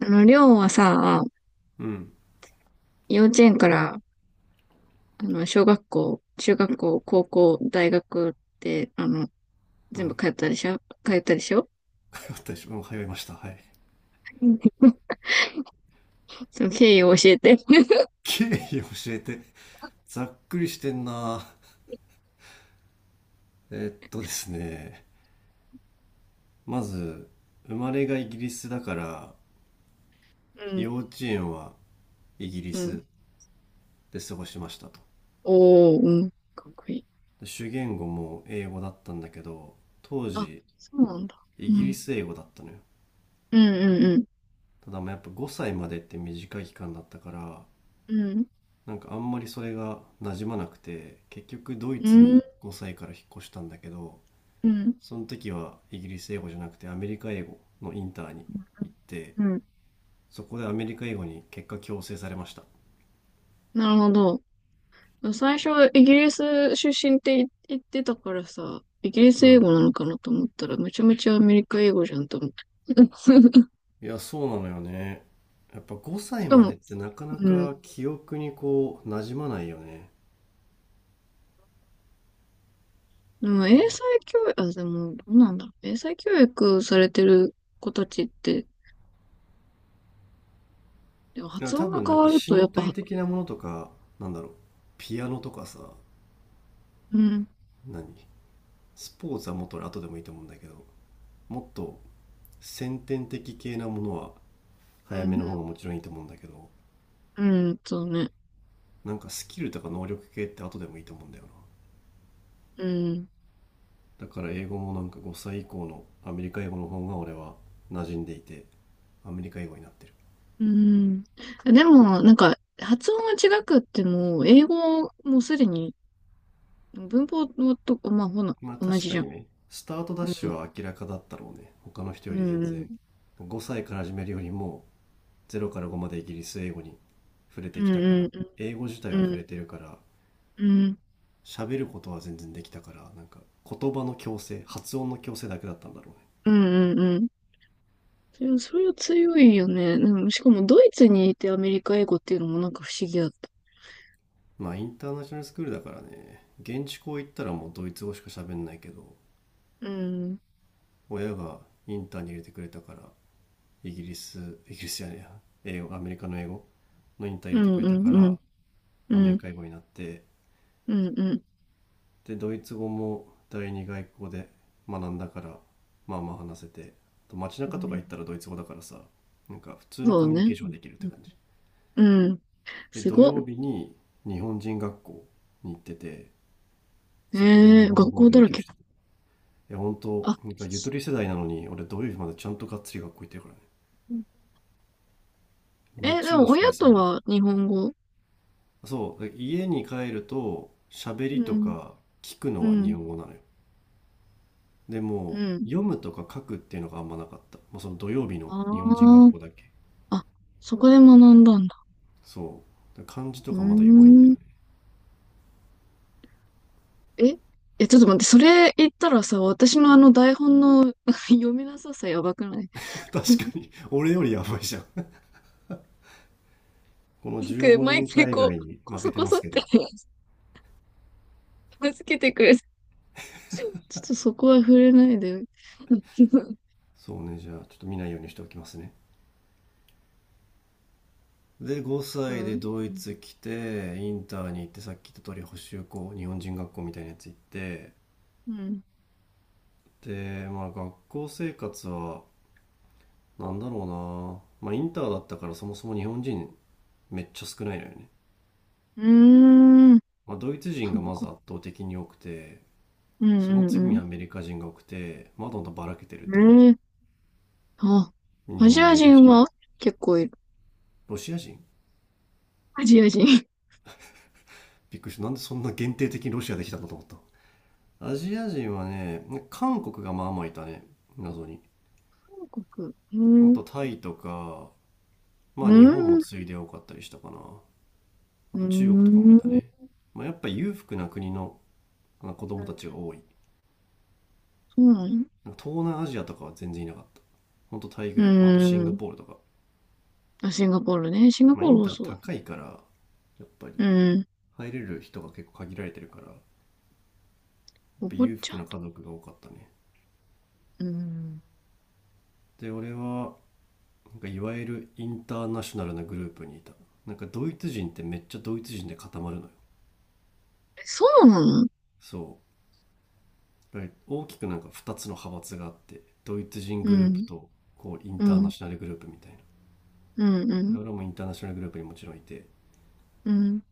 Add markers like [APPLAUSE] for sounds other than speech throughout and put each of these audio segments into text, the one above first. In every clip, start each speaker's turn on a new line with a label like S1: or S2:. S1: りょうはさ、
S2: うん。
S1: 幼稚園から、小学校、中学校、高校、大学って、
S2: う
S1: 全
S2: ん。
S1: 部通ったでしょ？
S2: 私も通いました。はい。
S1: その経緯を教えて。
S2: 経緯教えて。ざっくりしてんな。えっとですね。まず、生まれがイギリスだから、
S1: うん、
S2: 幼稚園はイギリ
S1: うん。
S2: スで過ごしましたと。
S1: おー、うん。かっこいい。
S2: で主言語も英語だったんだけど、当
S1: あ、
S2: 時、
S1: そうなんだ。
S2: イ
S1: う
S2: ギリ
S1: ん。
S2: ス英語だったのよ。
S1: うん、うん、
S2: ただまあやっぱ5歳までって短い期間だったから、
S1: うん。
S2: なんかあんまりそれが馴染まなくて、結局ドイ
S1: う
S2: ツ
S1: ん、
S2: に5歳から引っ越したんだけど、
S1: うん、うん。
S2: その時はイギリス英語じゃなくてアメリカ英語のインターに行って、
S1: うん。
S2: そこでアメリカ英語に結果強制されました。
S1: なるほど。最初、イギリス出身って言ってたからさ、イギリス
S2: う
S1: 英
S2: ん、
S1: 語なのかなと思ったら、めちゃめちゃアメリカ英語じゃんと思って。[LAUGHS]
S2: いやそうなのよね。やっぱ5
S1: し
S2: 歳
S1: か
S2: まで
S1: も、
S2: ってなかな
S1: うん。
S2: か記憶にこう馴染まないよね。
S1: でも英才教育、あ、でも、どうなんだろう。英才教育されてる子たちって、でも
S2: いや
S1: 発
S2: 多
S1: 音が
S2: 分な
S1: 変
S2: ん
S1: わ
S2: か
S1: ると、やっ
S2: 身
S1: ぱ、
S2: 体的なものとか、なんだろう、ピアノとかさ、
S1: うん、
S2: 何スポーツはもっと俺後でもいいと思うんだけど、もっと先天的系なものは
S1: う
S2: 早めの方が
S1: ん、
S2: もちろんいいと思うんだけど、
S1: うん、うん、そうね。
S2: なんかスキルとか能力系って後でもいいと思うんだよな。
S1: うん、
S2: だから英語もなんか5歳以降のアメリカ英語の方が俺は馴染んでいて、アメリカ英語になってる。
S1: うん。でも、なんか、発音が違くっても、英語もすでに、文法のと、まあ、ほな、
S2: まあ
S1: 同
S2: 確
S1: じ
S2: か
S1: じゃ
S2: に
S1: ん。
S2: ね、スタートダッ
S1: う
S2: シュ
S1: ん、
S2: は明らかだったろうね、他の人
S1: う
S2: より全
S1: ん、
S2: 然。5歳から始めるよりも0から5までイギリス英語に触れ
S1: う
S2: て
S1: ん、
S2: きたから、
S1: うん、
S2: 英語自体
S1: う
S2: は
S1: ん、う
S2: 触れ
S1: ん、
S2: てるから、
S1: うん、
S2: 喋ることは全然できたから、なんか言葉の矯正発音の矯正だけだったんだろうね。
S1: うん、うん、うん、それそれは強いよね。うん、しかも、ドイツにいてアメリカ英語っていうのもなんか不思議だった。
S2: まあインターナショナルスクールだからね、現地校行ったらもうドイツ語しか喋んないけど、
S1: うん。
S2: 親がインターに入れてくれたから、イギリスイギリスじゃねえや英語アメリカの英語のインター入
S1: う
S2: れてく
S1: ん
S2: れ
S1: う
S2: たか
S1: んうん。
S2: ら、
S1: う
S2: アメリ
S1: ん
S2: カ英語になって、
S1: うんうん。
S2: でドイツ語も第二外国語で学んだから、まあまあ話せて、あと街
S1: す
S2: 中
S1: ご
S2: と
S1: い
S2: か行った
S1: な。
S2: らドイツ語だからさ、なんか普通の
S1: そ
S2: コ
S1: う
S2: ミュニケ
S1: ね。
S2: ーションができるって感じ。
S1: うん。うん、
S2: で
S1: す
S2: 土
S1: ごっ。
S2: 曜日に日本人学校に行ってて、そこで
S1: え
S2: 日
S1: ー、
S2: 本
S1: 学
S2: 語を
S1: 校だ
S2: 勉
S1: ら
S2: 強し
S1: け。
S2: てた。や本当
S1: あ、
S2: なんかゆとり世代なのに俺土曜日までちゃんとがっつり学校行ってるからね。
S1: うん、え、で
S2: 日
S1: も
S2: 曜しか
S1: 親
S2: 休
S1: と
S2: みない。
S1: は日本語。
S2: そう、家に帰ると喋
S1: う
S2: りと
S1: ん、
S2: か聞くの
S1: う
S2: は日
S1: ん、
S2: 本語なのよ。で
S1: う
S2: も
S1: ん。
S2: う読むとか書くっていうのがあんまなかった、まあ、その土曜日の日本人学
S1: あ
S2: 校だけ。
S1: あ、あ、そこで学んだんだ。
S2: そうだから漢字と
S1: う
S2: かまだ弱いんだ
S1: ー
S2: よ
S1: ん。
S2: ね。
S1: え、え、ちょっと待って、それ言ったらさ、私のあの台本の [LAUGHS] 読みなささやばくない？
S2: [LAUGHS] 確かに俺よりやばいじゃん。 [LAUGHS] この
S1: なんか
S2: 15
S1: 毎
S2: 年
S1: 回
S2: 海
S1: こ
S2: 外
S1: う、
S2: に
S1: こ
S2: 負け
S1: そ
S2: て
S1: こ
S2: ま
S1: そ
S2: す
S1: っ
S2: けど。
S1: て [LAUGHS] 片けてくれる。ちょっとそこは触れないで。[LAUGHS]
S2: そうね、じゃあちょっと見ないようにしておきますね。で
S1: そ
S2: 5歳で
S1: う。
S2: ド
S1: う
S2: イ
S1: ん。
S2: ツ来てインターに行って、さっき言った通り補習校日本人学校みたいなやつ行って、
S1: うん、
S2: でまあ学校生活は、なんだろうな、まあインターだったからそもそも日本人めっちゃ少ないのよね。
S1: うーん。
S2: まあドイツ人
S1: そっ
S2: がまず
S1: か。
S2: 圧倒的に多くて、
S1: う
S2: その
S1: ん
S2: 次
S1: う
S2: に
S1: ん
S2: アメリカ人が多くて、まだまだばらけてるって感じ。
S1: うん。ええ、あ、
S2: 日
S1: アジ
S2: 本
S1: ア
S2: もいる
S1: 人
S2: し、
S1: は結構いる。
S2: ロシア人
S1: アジア人。
S2: びっくりした。なんでそんな限定的にロシアできたんだと思った。アジア人はね、韓国がまあまあいたね。謎に。
S1: 韓国。う
S2: あと
S1: ん。
S2: タイとか、ま
S1: う
S2: あ日本も
S1: ん。
S2: 次いで多かったりしたかな。あ
S1: う
S2: と中国とかもい
S1: ん。
S2: たね。まあやっぱ裕福な国の、あの子供たちが多い。
S1: そうなの？
S2: まあ東南アジアとかは全然いなかった。ほんとタイ
S1: う
S2: ぐらい。まあ、あとシンガ
S1: ん。
S2: ポールとか。
S1: あ、シンガポールね。シンガ
S2: まあ、
S1: ポー
S2: イ
S1: ル
S2: ン
S1: も
S2: ター
S1: そうだ。
S2: 高いから、やっぱり
S1: うん。
S2: 入れる人が結構限られてるから、やっ
S1: お
S2: ぱ
S1: 坊
S2: 裕
S1: ち
S2: 福
S1: ゃ
S2: な
S1: んと。
S2: 家族が多かったね。
S1: うん。
S2: で、俺は、なんかいわゆるインターナショナルなグループにいた。なんかドイツ人ってめっちゃドイツ人で固まるのよ。
S1: え、そうなの？
S2: そう。だから大きくなんか2つの派閥があって、ドイツ人
S1: う
S2: グループ
S1: ん。
S2: と、こう、イン
S1: う
S2: ターナ
S1: ん。
S2: ショナルグループみたいな。
S1: うん。う
S2: で
S1: ん。
S2: 俺もインターナショナルグループにもちろんいて、
S1: うん。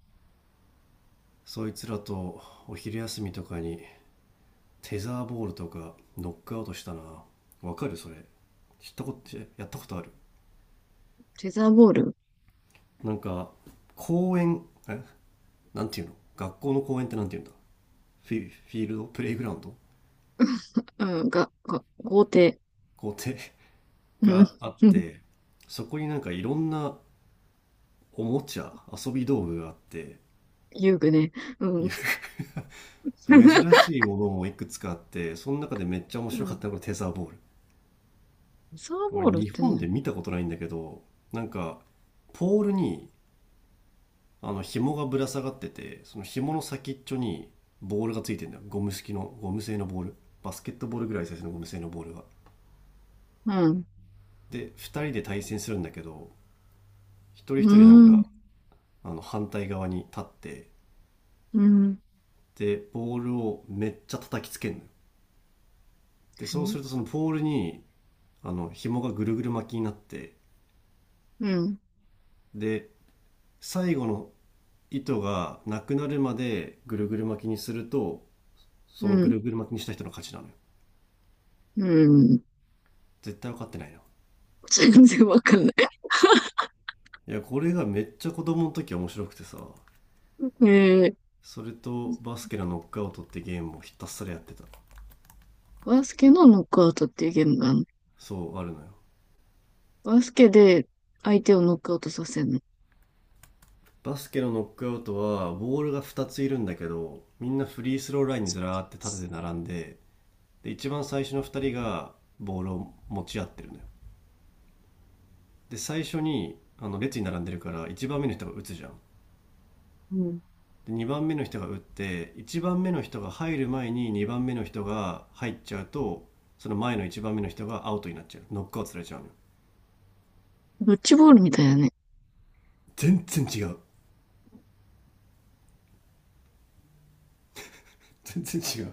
S2: そいつらとお昼休みとかにテザーボールとかノックアウトしたな。わかるそれ？知ったことやったことある？
S1: テザーボール。
S2: なんか公園、なんていうの、学校の公園ってなんていうんだ、フィールドプレイグラウンド、
S1: うん。が、が、豪邸。
S2: 校庭
S1: うん。
S2: があっ
S1: うん、
S2: て、そこになんかいろんなおもちゃ遊び道具があって。
S1: 遊具ね。うん。
S2: いや、で珍
S1: [LAUGHS]
S2: しいものもいくつかあって、その中でめっちゃ面
S1: う
S2: 白かっ
S1: ん、
S2: たのがテザーボール。
S1: サーボ
S2: 俺
S1: ールっ
S2: 日
S1: て
S2: 本
S1: ね、
S2: で見たことないんだけど、なんかポールに、あの紐がぶら下がってて、その紐の先っちょにボールがついてるんだよ。ゴム製のボール、バスケットボールぐらいサイズのゴム製のボールが、
S1: うん、
S2: で2人で対戦するんだけど、一人
S1: う
S2: 一人なん
S1: ー
S2: か、
S1: ん、
S2: あの反対側に立って、
S1: うん、
S2: でボールをめっちゃ叩きつけるのよ。で
S1: う
S2: そう
S1: ん、
S2: するとそのボールに、あの紐がぐるぐる巻きになって、で最後の糸がなくなるまでぐるぐる巻きにすると、そ
S1: う
S2: のぐ
S1: ん、
S2: るぐる巻きにした人の勝ちなのよ。
S1: うん。
S2: 絶対分かってないな。
S1: 全然わかんない。
S2: いやこれがめっちゃ子供の時面白くてさ、
S1: [LAUGHS] えー、
S2: それとバスケのノックアウトってゲームをひたすらやってた。
S1: バスケのノックアウトっていうゲームがあるの？
S2: そうあるのよ。
S1: バスケで相手をノックアウトさせるの？
S2: バスケのノックアウトはボールが2ついるんだけど、みんなフリースローラインにずらーって立てて並んで、で一番最初の2人がボールを持ち合ってるのよ。で最初にあの列に並んでるから1番目の人が打つじゃん。
S1: うん。
S2: で2番目の人が打って、1番目の人が入る前に2番目の人が入っちゃうと、その前の1番目の人がアウトになっちゃう、ノックアウトされちゃうのよ。
S1: ドッジボールみたいだね。
S2: 全然違う、全然違う。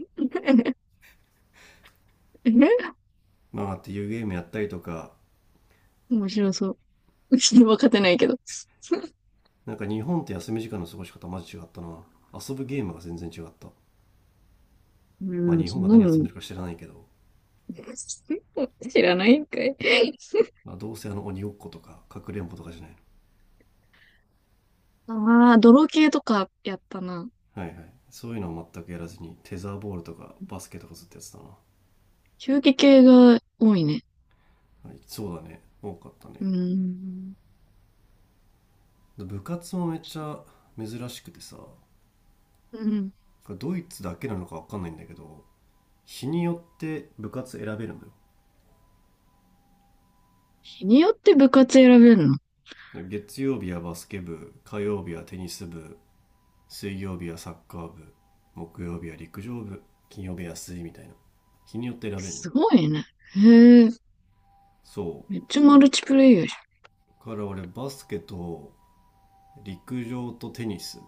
S1: [LAUGHS] え、
S2: なあっていうゲームやったりとか。
S1: 面白そう。うちに分かってないけど。
S2: なんか日本って休み時間の過ごし方マジ違ったな。遊ぶゲームが全然違った。
S1: う
S2: まあ
S1: ん、
S2: 日
S1: そ
S2: 本
S1: ん
S2: が
S1: な
S2: 何遊ん
S1: の、
S2: でるか知らないけど、
S1: [LAUGHS] 知らないんかい。
S2: まあ、どうせあの鬼ごっことかかくれんぼとかじゃない
S1: ああ、泥系とかやったな。
S2: の？はいはい、そういうのは全くやらずにテザーボールとかバスケとかずっとやってたな。は
S1: 球技系が多いね。
S2: い、そうだね多かった
S1: う
S2: ね。
S1: ん。
S2: 部活もめっちゃ珍しくてさ、こ
S1: うん、
S2: れドイツだけなのか分かんないんだけど、日によって部活選べるのよ。
S1: 日によって部活選べるの？
S2: 月曜日はバスケ部、火曜日はテニス部、水曜日はサッカー部、木曜日は陸上部、金曜日は水みたいな、日によって選べんの。
S1: すごいね。へえ。
S2: そ
S1: めっちゃマルチプレイヤーじ
S2: うから俺バスケと陸上とテニス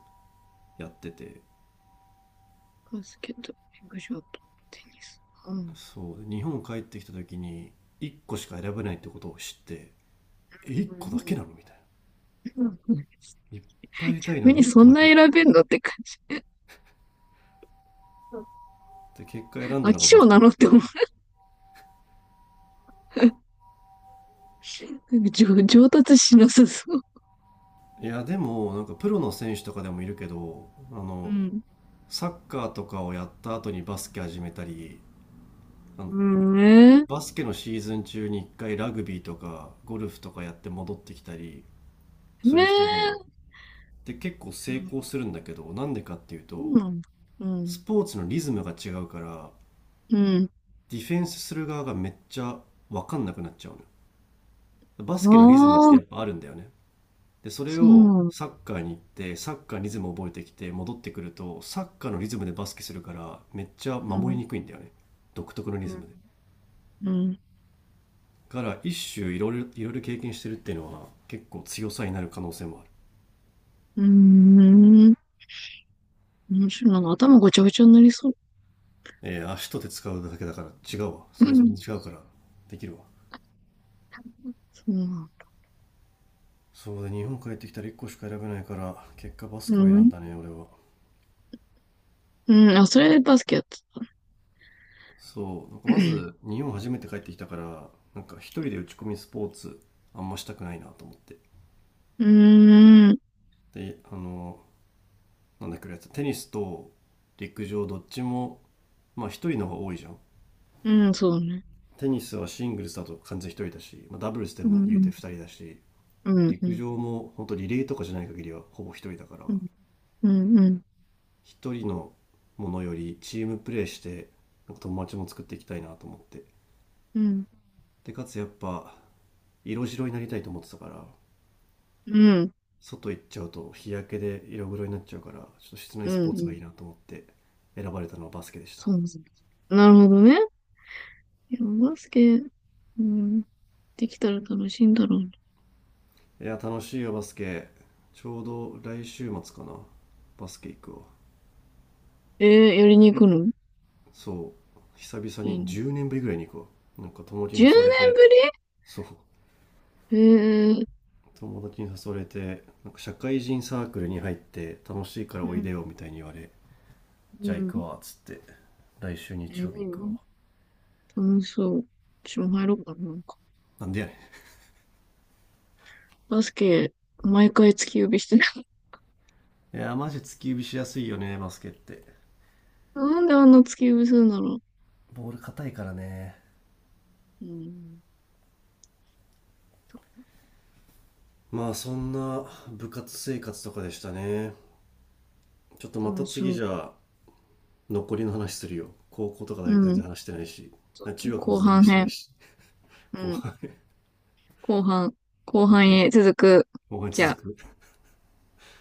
S2: やってて、
S1: ゃん。バスケット、フィグショット、テニス。う
S2: そう日本帰ってきた時に1個しか選べないってことを知って、え、1個だけ
S1: ん。
S2: なの、みたい
S1: [LAUGHS]
S2: な。いっぱい入れたいの
S1: に
S2: に1
S1: そ
S2: 個
S1: ん
S2: だ
S1: な
S2: け、
S1: 選べんのって感
S2: で結果
S1: じ。
S2: 選んだ
S1: 飽
S2: の
S1: き
S2: がバ
S1: 性
S2: ス
S1: な
S2: ケだ
S1: の
S2: っ
S1: っ
S2: た
S1: て思う。
S2: ね。
S1: [LAUGHS] なんか上達しなさそう。
S2: いやでもなんかプロの選手とかでもいるけど、あ
S1: う
S2: の
S1: ん。
S2: サッカーとかをやった後にバスケ始めたり、あ
S1: う
S2: の
S1: ん、ね、
S2: バスケのシーズン中に一回ラグビーとかゴルフとかやって戻ってきたりす
S1: ね
S2: る人いるんだよ。
S1: え。
S2: で、結構成功
S1: そ
S2: するんだけど、なんでかっていう
S1: う
S2: と、
S1: なんだ。う
S2: ス
S1: ん。
S2: ポーツのリズムが違うから、
S1: うん。
S2: ディフェンスする側がめっちゃわかんなくなっちゃうのよ。バス
S1: あ
S2: ケのリズムって
S1: あ、
S2: やっぱあるんだよね。で、それ
S1: そ
S2: を
S1: う
S2: サッカーに行って、サッカーのリズムを覚えてきて戻ってくると、サッカーのリズムでバスケするから、めっちゃ
S1: なん
S2: 守
S1: だ。
S2: りにくいんだよね。独特のリ
S1: う
S2: ズ
S1: ん。
S2: ムで。
S1: うん。
S2: から一種いろいろいろいろ経験してるっていうのは結構強さになる可能性もある。
S1: うん。うん。面白いな。頭ごちゃごちゃになりそう。
S2: えー、足と手使うだけだから違うわ。
S1: う
S2: そもそも
S1: ん。
S2: 違うからできるわ。
S1: そうなんだ。
S2: そうで日本帰ってきたら1個しか選べないから結果バス
S1: う
S2: ケを選ん
S1: ん。
S2: だね俺は。
S1: うん。あ、それでバスケやってた。
S2: そう。なんか
S1: う
S2: ま
S1: ん。
S2: ず日本初めて帰ってきたから、なんか一人で打ち込みスポーツあんましたくないなと思って。
S1: うーん。
S2: で、あの、なんだっけ、やつ、テニスと陸上どっちも、まあ一人の方が多いじゃん。
S1: うん、そうね。
S2: テニスはシングルスだと完全一人だし、まあ、ダブルスで
S1: う
S2: も言うて
S1: ん、
S2: 二人だし、
S1: うん、う
S2: 陸
S1: ん、
S2: 上も本当リレーとかじゃない限りはほぼ一人だから、
S1: うん、うん、うん、
S2: 一人のものよりチームプレーしてなんか友達も作っていきたいなと思って、
S1: うん、
S2: でかつやっぱ色白になりたいと思ってたから、
S1: うん、うん、
S2: 外行っちゃうと日焼けで色黒になっちゃうから、ちょっと室内
S1: う
S2: スポー
S1: ん、う
S2: ツが
S1: ん、
S2: いいなと思って、選ばれたのはバスケでした。
S1: そうですね。なるほどね。いや、バスケ、うん、できたら楽しいんだろうな。
S2: いや楽しいよバスケ。ちょうど来週末かな、バスケ行くわ。
S1: えー、やりに行くの？
S2: そう久々
S1: いい
S2: に
S1: の？
S2: 10年ぶりぐらいに行くわ。なんか友達に
S1: 10
S2: 誘われ
S1: 年ぶ
S2: て、そう
S1: り？えー、
S2: 友達に誘われてなんか社会人サークルに入って楽しいから
S1: う
S2: おい
S1: ん、
S2: でよみたいに言われ、
S1: う
S2: じゃあ行く
S1: ん。
S2: わっつって来週
S1: え
S2: 日
S1: ー、
S2: 曜
S1: い
S2: 日
S1: い
S2: 行くわ。
S1: の？楽しそう。私も入ろうかな、なんか。
S2: なんでやね
S1: バスケ、毎回突き指してない？
S2: ん。いやマジ突き指しやすいよねバスケって。
S1: [LAUGHS] なんであんな突き指するんだろ
S2: ボール硬いからね。
S1: う。うん、
S2: まあそんな部活生活とかでしたね。ちょっとまた
S1: 楽し
S2: 次
S1: み。
S2: じゃあ残りの話するよ。高校とか大学
S1: う
S2: 全
S1: ん。
S2: 然話してないし、
S1: そうね、
S2: 中学も
S1: 後
S2: 全然話
S1: 半
S2: してない
S1: 編。
S2: し、
S1: う
S2: 後
S1: ん。
S2: 半。
S1: 後半、後半へ続
S2: OK、
S1: く。
S2: 後半
S1: じ
S2: 続
S1: ゃあ。
S2: く。